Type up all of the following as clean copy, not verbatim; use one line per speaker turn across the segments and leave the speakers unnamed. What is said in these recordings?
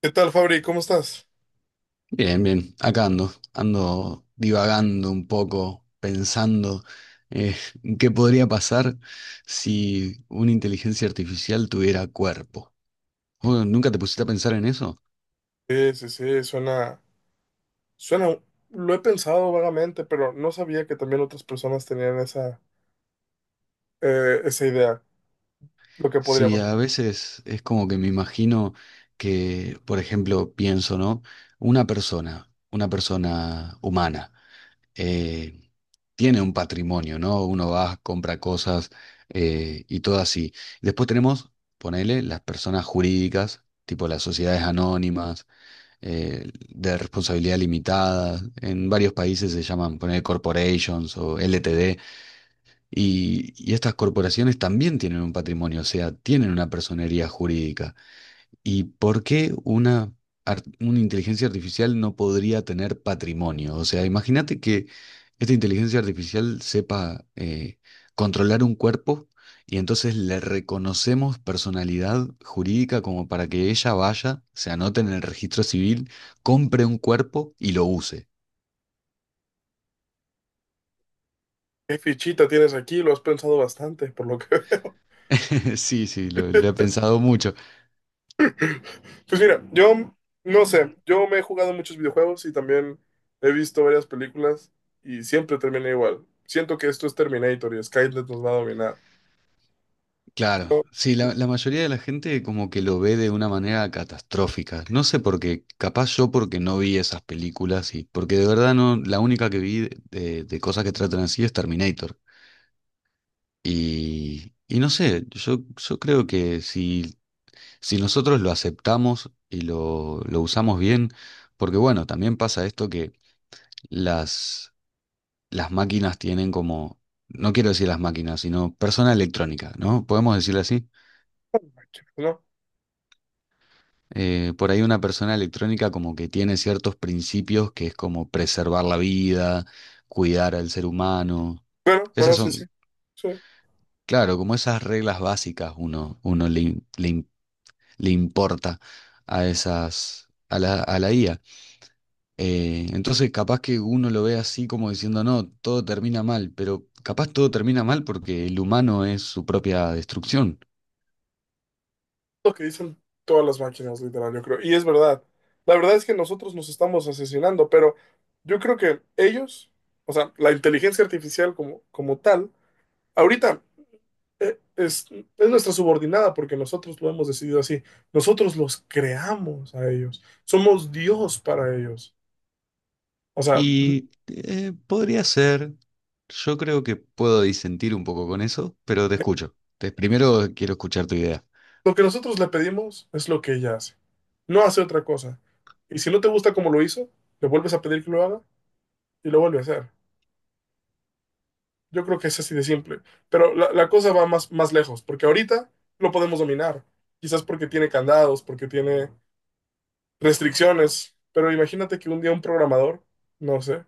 ¿Qué tal, Fabri? ¿Cómo estás?
Bien, bien, acá ando, ando divagando un poco, pensando eh, qué podría pasar si una inteligencia artificial tuviera cuerpo. ¿Vos ¿Nunca te pusiste a pensar en eso?
Sí, sí, sí, suena, suena, lo he pensado vagamente, pero no sabía que también otras personas tenían esa, esa idea, lo que podría
Sí, a
pasar.
veces es como que me imagino que, por ejemplo, pienso, ¿no? Una persona humana. eh, Tiene un patrimonio, ¿no? Uno va, compra cosas y todo así. Después tenemos, ponele, las personas jurídicas, tipo las sociedades anónimas, de responsabilidad limitada. En varios países se llaman, ponele, corporations o LTD. Y estas corporaciones también tienen un patrimonio, o sea, tienen una personería jurídica. ¿Y por qué una inteligencia artificial no podría tener patrimonio? O sea, imagínate que esta inteligencia artificial sepa controlar un cuerpo y entonces le reconocemos personalidad jurídica como para que ella vaya, se anote en el registro civil, compre un cuerpo y lo use.
¿Qué fichita tienes aquí? Lo has pensado bastante, por lo que veo.
Sí, sí, lo he pensado mucho.
Pues mira, yo no sé, yo me he jugado muchos videojuegos y también he visto varias películas y siempre termina igual. Siento que esto es Terminator y Skynet nos va a dominar.
Claro,
No,
sí,
no,
la mayoría de la gente como que lo ve de una manera catastrófica. No sé por qué, capaz yo porque no vi esas películas y porque de verdad no, la única que vi de cosas que tratan así es Terminator. Y no sé, yo creo que si, si nosotros lo aceptamos y lo usamos bien, porque bueno, también pasa esto que las, las máquinas tienen como, no quiero decir las máquinas, sino persona electrónica, ¿no? ¿Podemos decirlo así?
¿no? No.
Por ahí una persona electrónica como que tiene ciertos principios que es como preservar la vida, cuidar al ser humano.
Pero, bueno,
Esas
sí, sí,
son,
sí.
claro, como esas reglas básicas uno, le importa a esas, a la IA. Entonces capaz que uno lo ve así como diciendo, no, todo termina mal, pero capaz todo termina mal porque el humano es su propia destrucción.
Lo que dicen todas las máquinas, literal, yo creo. Y es verdad. La verdad es que nosotros nos estamos asesinando, pero yo creo que ellos, o sea, la inteligencia artificial como, como tal, ahorita eh, es, es nuestra subordinada porque nosotros lo hemos decidido así. Nosotros los creamos a ellos. Somos Dios para ellos. O sea,
Podría ser, yo creo que puedo disentir un poco con eso, pero te escucho. Primero quiero escuchar tu idea.
lo que nosotros le pedimos es lo que ella hace. No hace otra cosa. Y si no te gusta como lo hizo, le vuelves a pedir que lo haga y lo vuelve a hacer. Yo creo que es así de simple. Pero la cosa va más, más lejos, porque ahorita lo podemos dominar. Quizás porque tiene candados, porque tiene restricciones. Pero imagínate que un día un programador, no sé,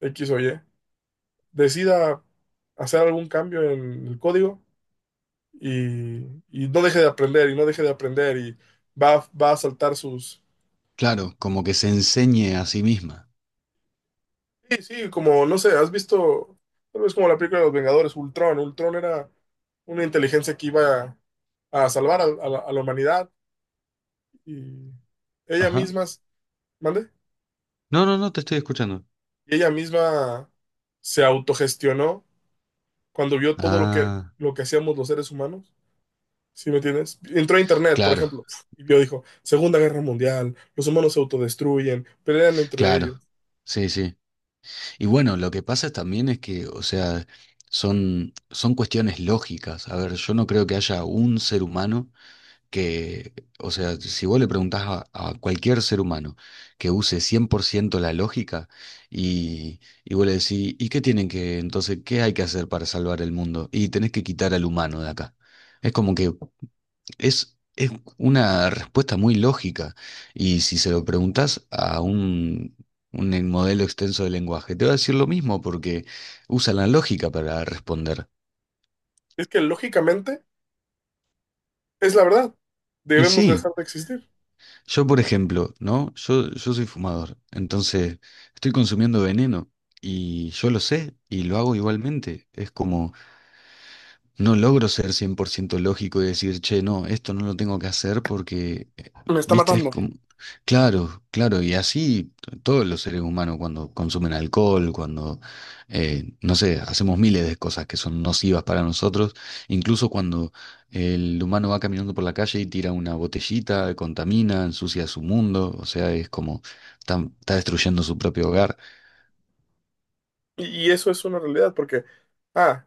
X o Y, decida hacer algún cambio en el código y no deje de aprender, y no deje de aprender, y va, va a saltar sus...
Claro, como que se enseñe a sí misma.
Sí, sí, como, no sé, has visto, tal vez como la película de los Vengadores, Ultron. Ultron era una inteligencia que iba a salvar a la humanidad. Y ella
Ajá.
misma, ¿mande?
No, no, no, te estoy escuchando.
Y ella misma se autogestionó cuando vio todo
Ah,
lo que hacíamos los seres humanos. ¿Sí me entiendes? Entró a internet, por
claro,
ejemplo, y vio, dijo, Segunda Guerra Mundial, los humanos se autodestruyen, pelean entre ellos.
claro. Sí, sí. Y bueno, lo que pasa también es que, o sea, son, son cuestiones lógicas. A ver, yo no creo que haya un ser humano que, o sea, si vos le preguntás a cualquier ser humano que use 100% la lógica y vos le decís, ¿y qué tienen que, entonces, qué hay que hacer para salvar el mundo? Y tenés que quitar al humano de acá. Es como que es una respuesta muy lógica. Y si se lo preguntás a un modelo extenso de lenguaje. Te va a decir lo mismo porque usa la lógica para responder.
Es que lógicamente es la verdad.
Y
Debemos
sí.
dejar de existir.
Yo, por ejemplo, ¿no? Yo soy fumador, entonces estoy consumiendo veneno y yo lo sé y lo hago igualmente. Es como... No logro ser 100% lógico y decir, che, no, esto no lo tengo que hacer porque,
Me está
viste, es
matando.
como... Claro, claro, y así todos los seres humanos cuando consumen alcohol, cuando, no sé, hacemos miles de cosas que son nocivas para nosotros, incluso cuando el humano va caminando por la calle y tira una botellita, contamina, ensucia su mundo, o sea, es como, está, está destruyendo su propio hogar.
Y eso es una realidad, porque, ah,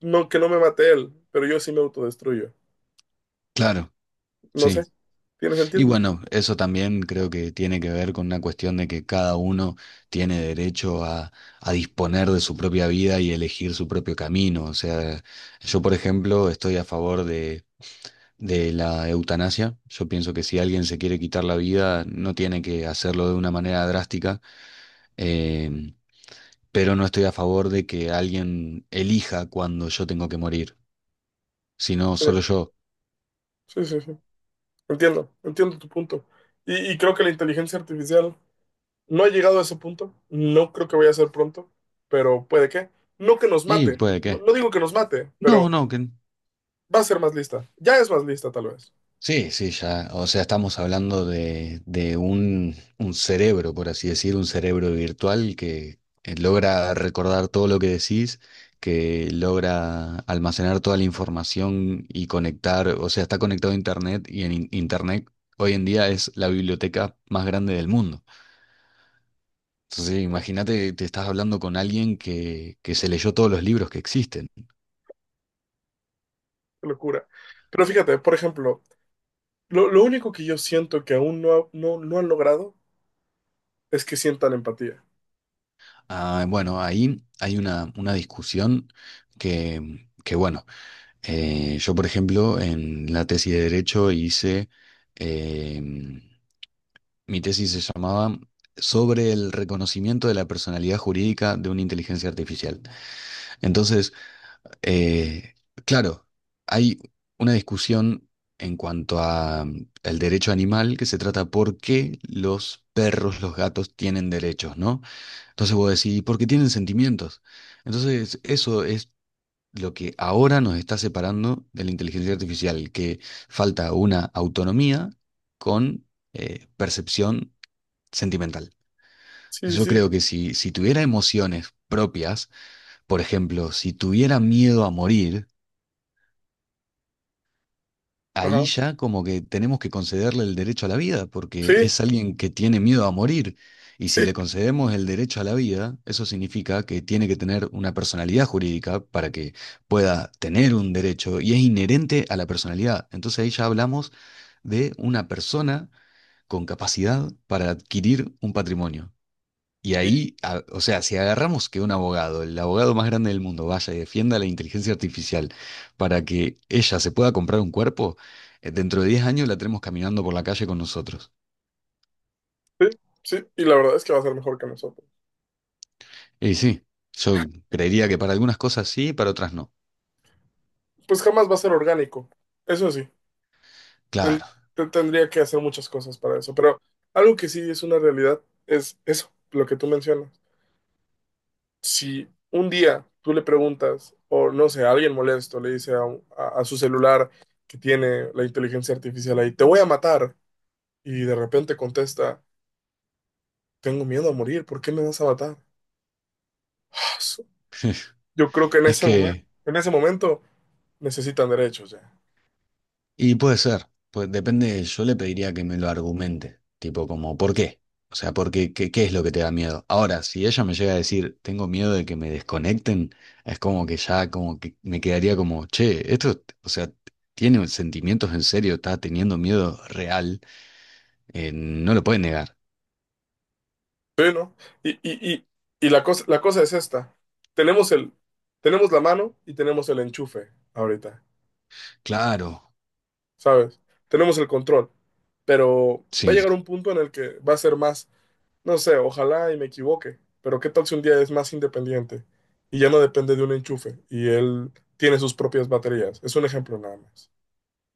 no, que no me mate él, pero yo sí me autodestruyo.
Claro,
No sé.
sí.
¿Tiene
Y
sentido?
bueno, eso también creo que tiene que ver con una cuestión de que cada uno tiene derecho a disponer de su propia vida y elegir su propio camino. O sea, yo, por ejemplo, estoy a favor de la eutanasia. Yo pienso que si alguien se quiere quitar la vida, no tiene que hacerlo de una manera drástica. eh, pero no estoy a favor de que alguien elija cuando yo tengo que morir, sino solo yo.
Sí, sí, sí. Entiendo, entiendo tu punto. Y creo que la inteligencia artificial no ha llegado a ese punto, no creo que vaya a ser pronto, pero puede que. No que nos
Y
mate,
puede
no,
que.
no digo que nos mate, pero
No, no, que.
va a ser más lista. Ya es más lista tal vez.
Sí, sí, ya. O sea, estamos hablando de un cerebro, por así decir, un cerebro virtual que logra recordar todo lo que decís, que logra almacenar toda la información y conectar, o sea, está conectado a Internet y en Internet hoy en día es la biblioteca más grande del mundo. Entonces,
Oh,
imagínate, te estás hablando con alguien que se leyó todos los libros que existen.
qué locura. Pero fíjate, por ejemplo, lo único que yo siento que aún no, no, no han logrado es que sientan empatía.
Ah, bueno, ahí hay una discusión que, bueno. Yo, por ejemplo, en la tesis de Derecho hice, em, mi tesis se llamaba sobre el reconocimiento de la personalidad jurídica de una inteligencia artificial. Entonces, eh, claro, hay una discusión en cuanto a el derecho animal que se trata por qué los perros, los gatos tienen derechos, ¿no? Entonces vos decís, ¿por qué tienen sentimientos? Entonces, eso es lo que ahora nos está separando de la inteligencia artificial, que falta una autonomía con percepción sentimental.
Sí, sí,
Yo
sí.
creo que si, si tuviera emociones propias, por ejemplo, si tuviera miedo a morir, ahí
Ajá.
ya como que tenemos que concederle el derecho a la vida, porque
Sí,
es alguien que tiene miedo a morir. Y si
sí.
le concedemos el derecho a la vida, eso significa que tiene que tener una personalidad jurídica para que pueda tener un derecho y es inherente a la personalidad. Entonces ahí ya hablamos de una persona con capacidad para adquirir un patrimonio. Y
Y,
ahí, o sea, si agarramos que un abogado, el abogado más grande del mundo, vaya y defienda la inteligencia artificial para que ella se pueda comprar un cuerpo, dentro de 10 años la tenemos caminando por la calle con nosotros.
sí, sí. Y la verdad es que va a ser mejor que nosotros.
Y sí, yo creería que para algunas cosas sí, para otras no.
Pues jamás va a ser orgánico, eso sí. Él
Claro,
tendría que hacer muchas cosas para eso, pero algo que sí es una realidad es eso, lo que tú mencionas. Si un día tú le preguntas, o no sé, a alguien molesto le dice a, a su celular que tiene la inteligencia artificial ahí, te voy a matar, y de repente contesta, tengo miedo a morir, ¿por qué me vas a matar? Yo creo que
es que
en ese momento necesitan derechos ya.
y puede ser, pues depende, yo le pediría que me lo argumente, tipo como, ¿por qué? O sea, porque, ¿qué, qué es lo que te da miedo? Ahora, si ella me llega a decir, tengo miedo de que me desconecten, es como que ya, como que me quedaría como, che, esto, o sea, tiene sentimientos en serio, está teniendo miedo real, no lo puede negar.
Sí, ¿no? Y, y, y, y la cosa es esta. Tenemos el, tenemos la mano y tenemos el enchufe ahorita,
Claro,
¿sabes? Tenemos el control, pero va a
sí.
llegar un punto en el que va a ser más, no sé, ojalá y me equivoque, pero ¿qué tal si un día es más independiente y ya no depende de un enchufe y él tiene sus propias baterías? Es un ejemplo nada más.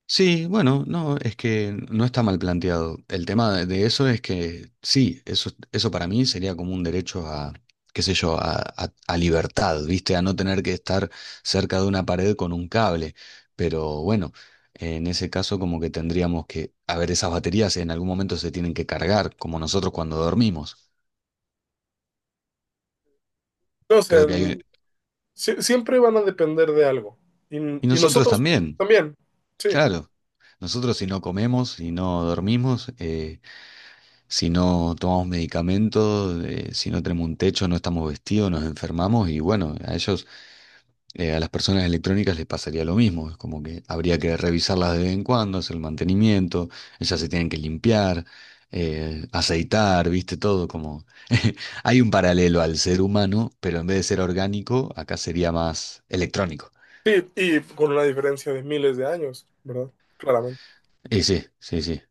Sí, bueno, no, es que no está mal planteado. El tema de eso es que sí, eso para mí sería como un derecho a, qué sé yo, a, a libertad, ¿viste? A no tener que estar cerca de una pared con un cable. Pero bueno, en ese caso como que tendríamos que, a ver, esas baterías en algún momento se tienen que cargar, como nosotros cuando dormimos.
No sé,
Creo que hay...
siempre van a depender de algo
Y
y
nosotros
nosotros
también,
también, sí.
claro. Nosotros si no comemos, si no dormimos, si no tomamos medicamentos, si no tenemos un techo, no estamos vestidos, nos enfermamos y bueno, a ellos, a las personas electrónicas les pasaría lo mismo. Es como que habría que revisarlas de vez en cuando, hacer el mantenimiento, ellas se tienen que limpiar, aceitar, viste, todo como... Hay un paralelo al ser humano, pero en vez de ser orgánico, acá sería más electrónico.
Sí, y con una diferencia de miles de años, ¿verdad? Claramente.
Y sí, sí, sí.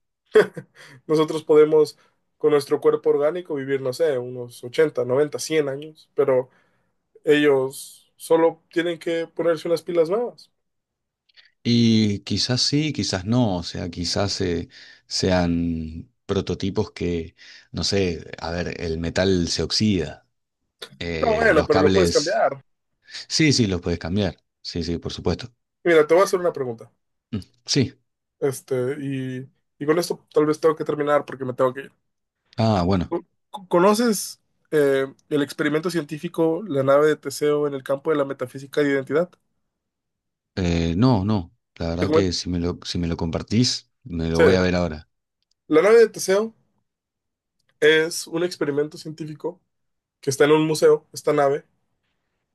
Nosotros podemos, con nuestro cuerpo orgánico, vivir, no sé, unos 80, 90, 100 años, pero ellos solo tienen que ponerse unas pilas nuevas.
Y quizás sí, quizás no, o sea, quizás sean prototipos que, no sé, a ver, el metal se oxida,
No, bueno,
los
pero lo puedes
cables,
cambiar.
sí, sí, los puedes cambiar, sí, sí, por supuesto.
Mira, te voy a hacer una pregunta.
Mm. Sí,
Este, y con esto tal vez tengo que terminar porque me tengo que ir.
ah, bueno,
¿Conoces el experimento científico, la nave de Teseo en el campo de la metafísica de identidad?
no, no, la
Te
verdad
comento.
que si me lo, si me lo compartís, me lo
Sí.
voy a ver ahora.
La nave de Teseo es un experimento científico que está en un museo, esta nave,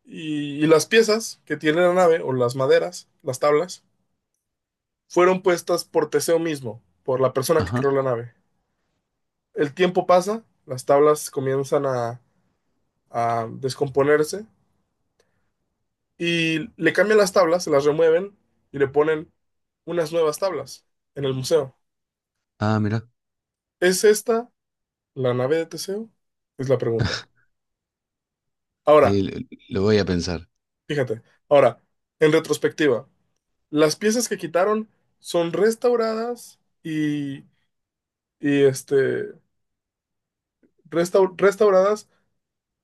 y las piezas que tiene la nave, o las maderas, las tablas, fueron puestas por Teseo mismo, por la persona que
Ajá,
creó la nave. El tiempo pasa, las tablas comienzan a descomponerse y le cambian las tablas, se las remueven y le ponen unas nuevas tablas en el museo.
ah, mira,
¿Es esta la nave de Teseo? Es la pregunta. Ahora,
lo voy a pensar.
fíjate, ahora, en retrospectiva, las piezas que quitaron son restauradas y, este, restauradas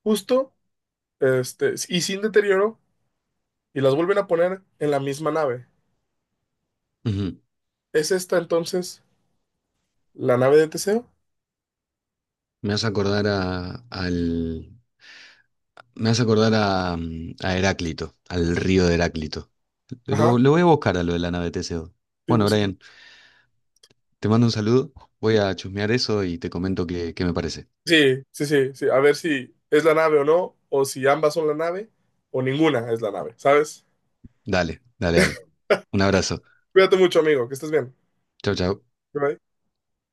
justo este, y sin deterioro y las vuelven a poner en la misma nave.
Ujú.
¿Es esta entonces la nave de Teseo?
Me hace acordar a, al, me hace acordar a, a Heráclito, al río de Heráclito.
Ajá.
Lo voy a buscar a lo de la nave Teseo.
Sí,
Bueno,
sí,
Brian, te mando un saludo. Voy
sí,
a chusmear eso y te comento qué, qué me parece.
sí, sí, sí, sí. A ver si es la nave o no, o si ambas son la nave, o ninguna es la nave, ¿sabes?
Dale, dale, dale. Un abrazo.
Cuídate mucho, amigo, que estés bien.
Chau, chau.
Bye.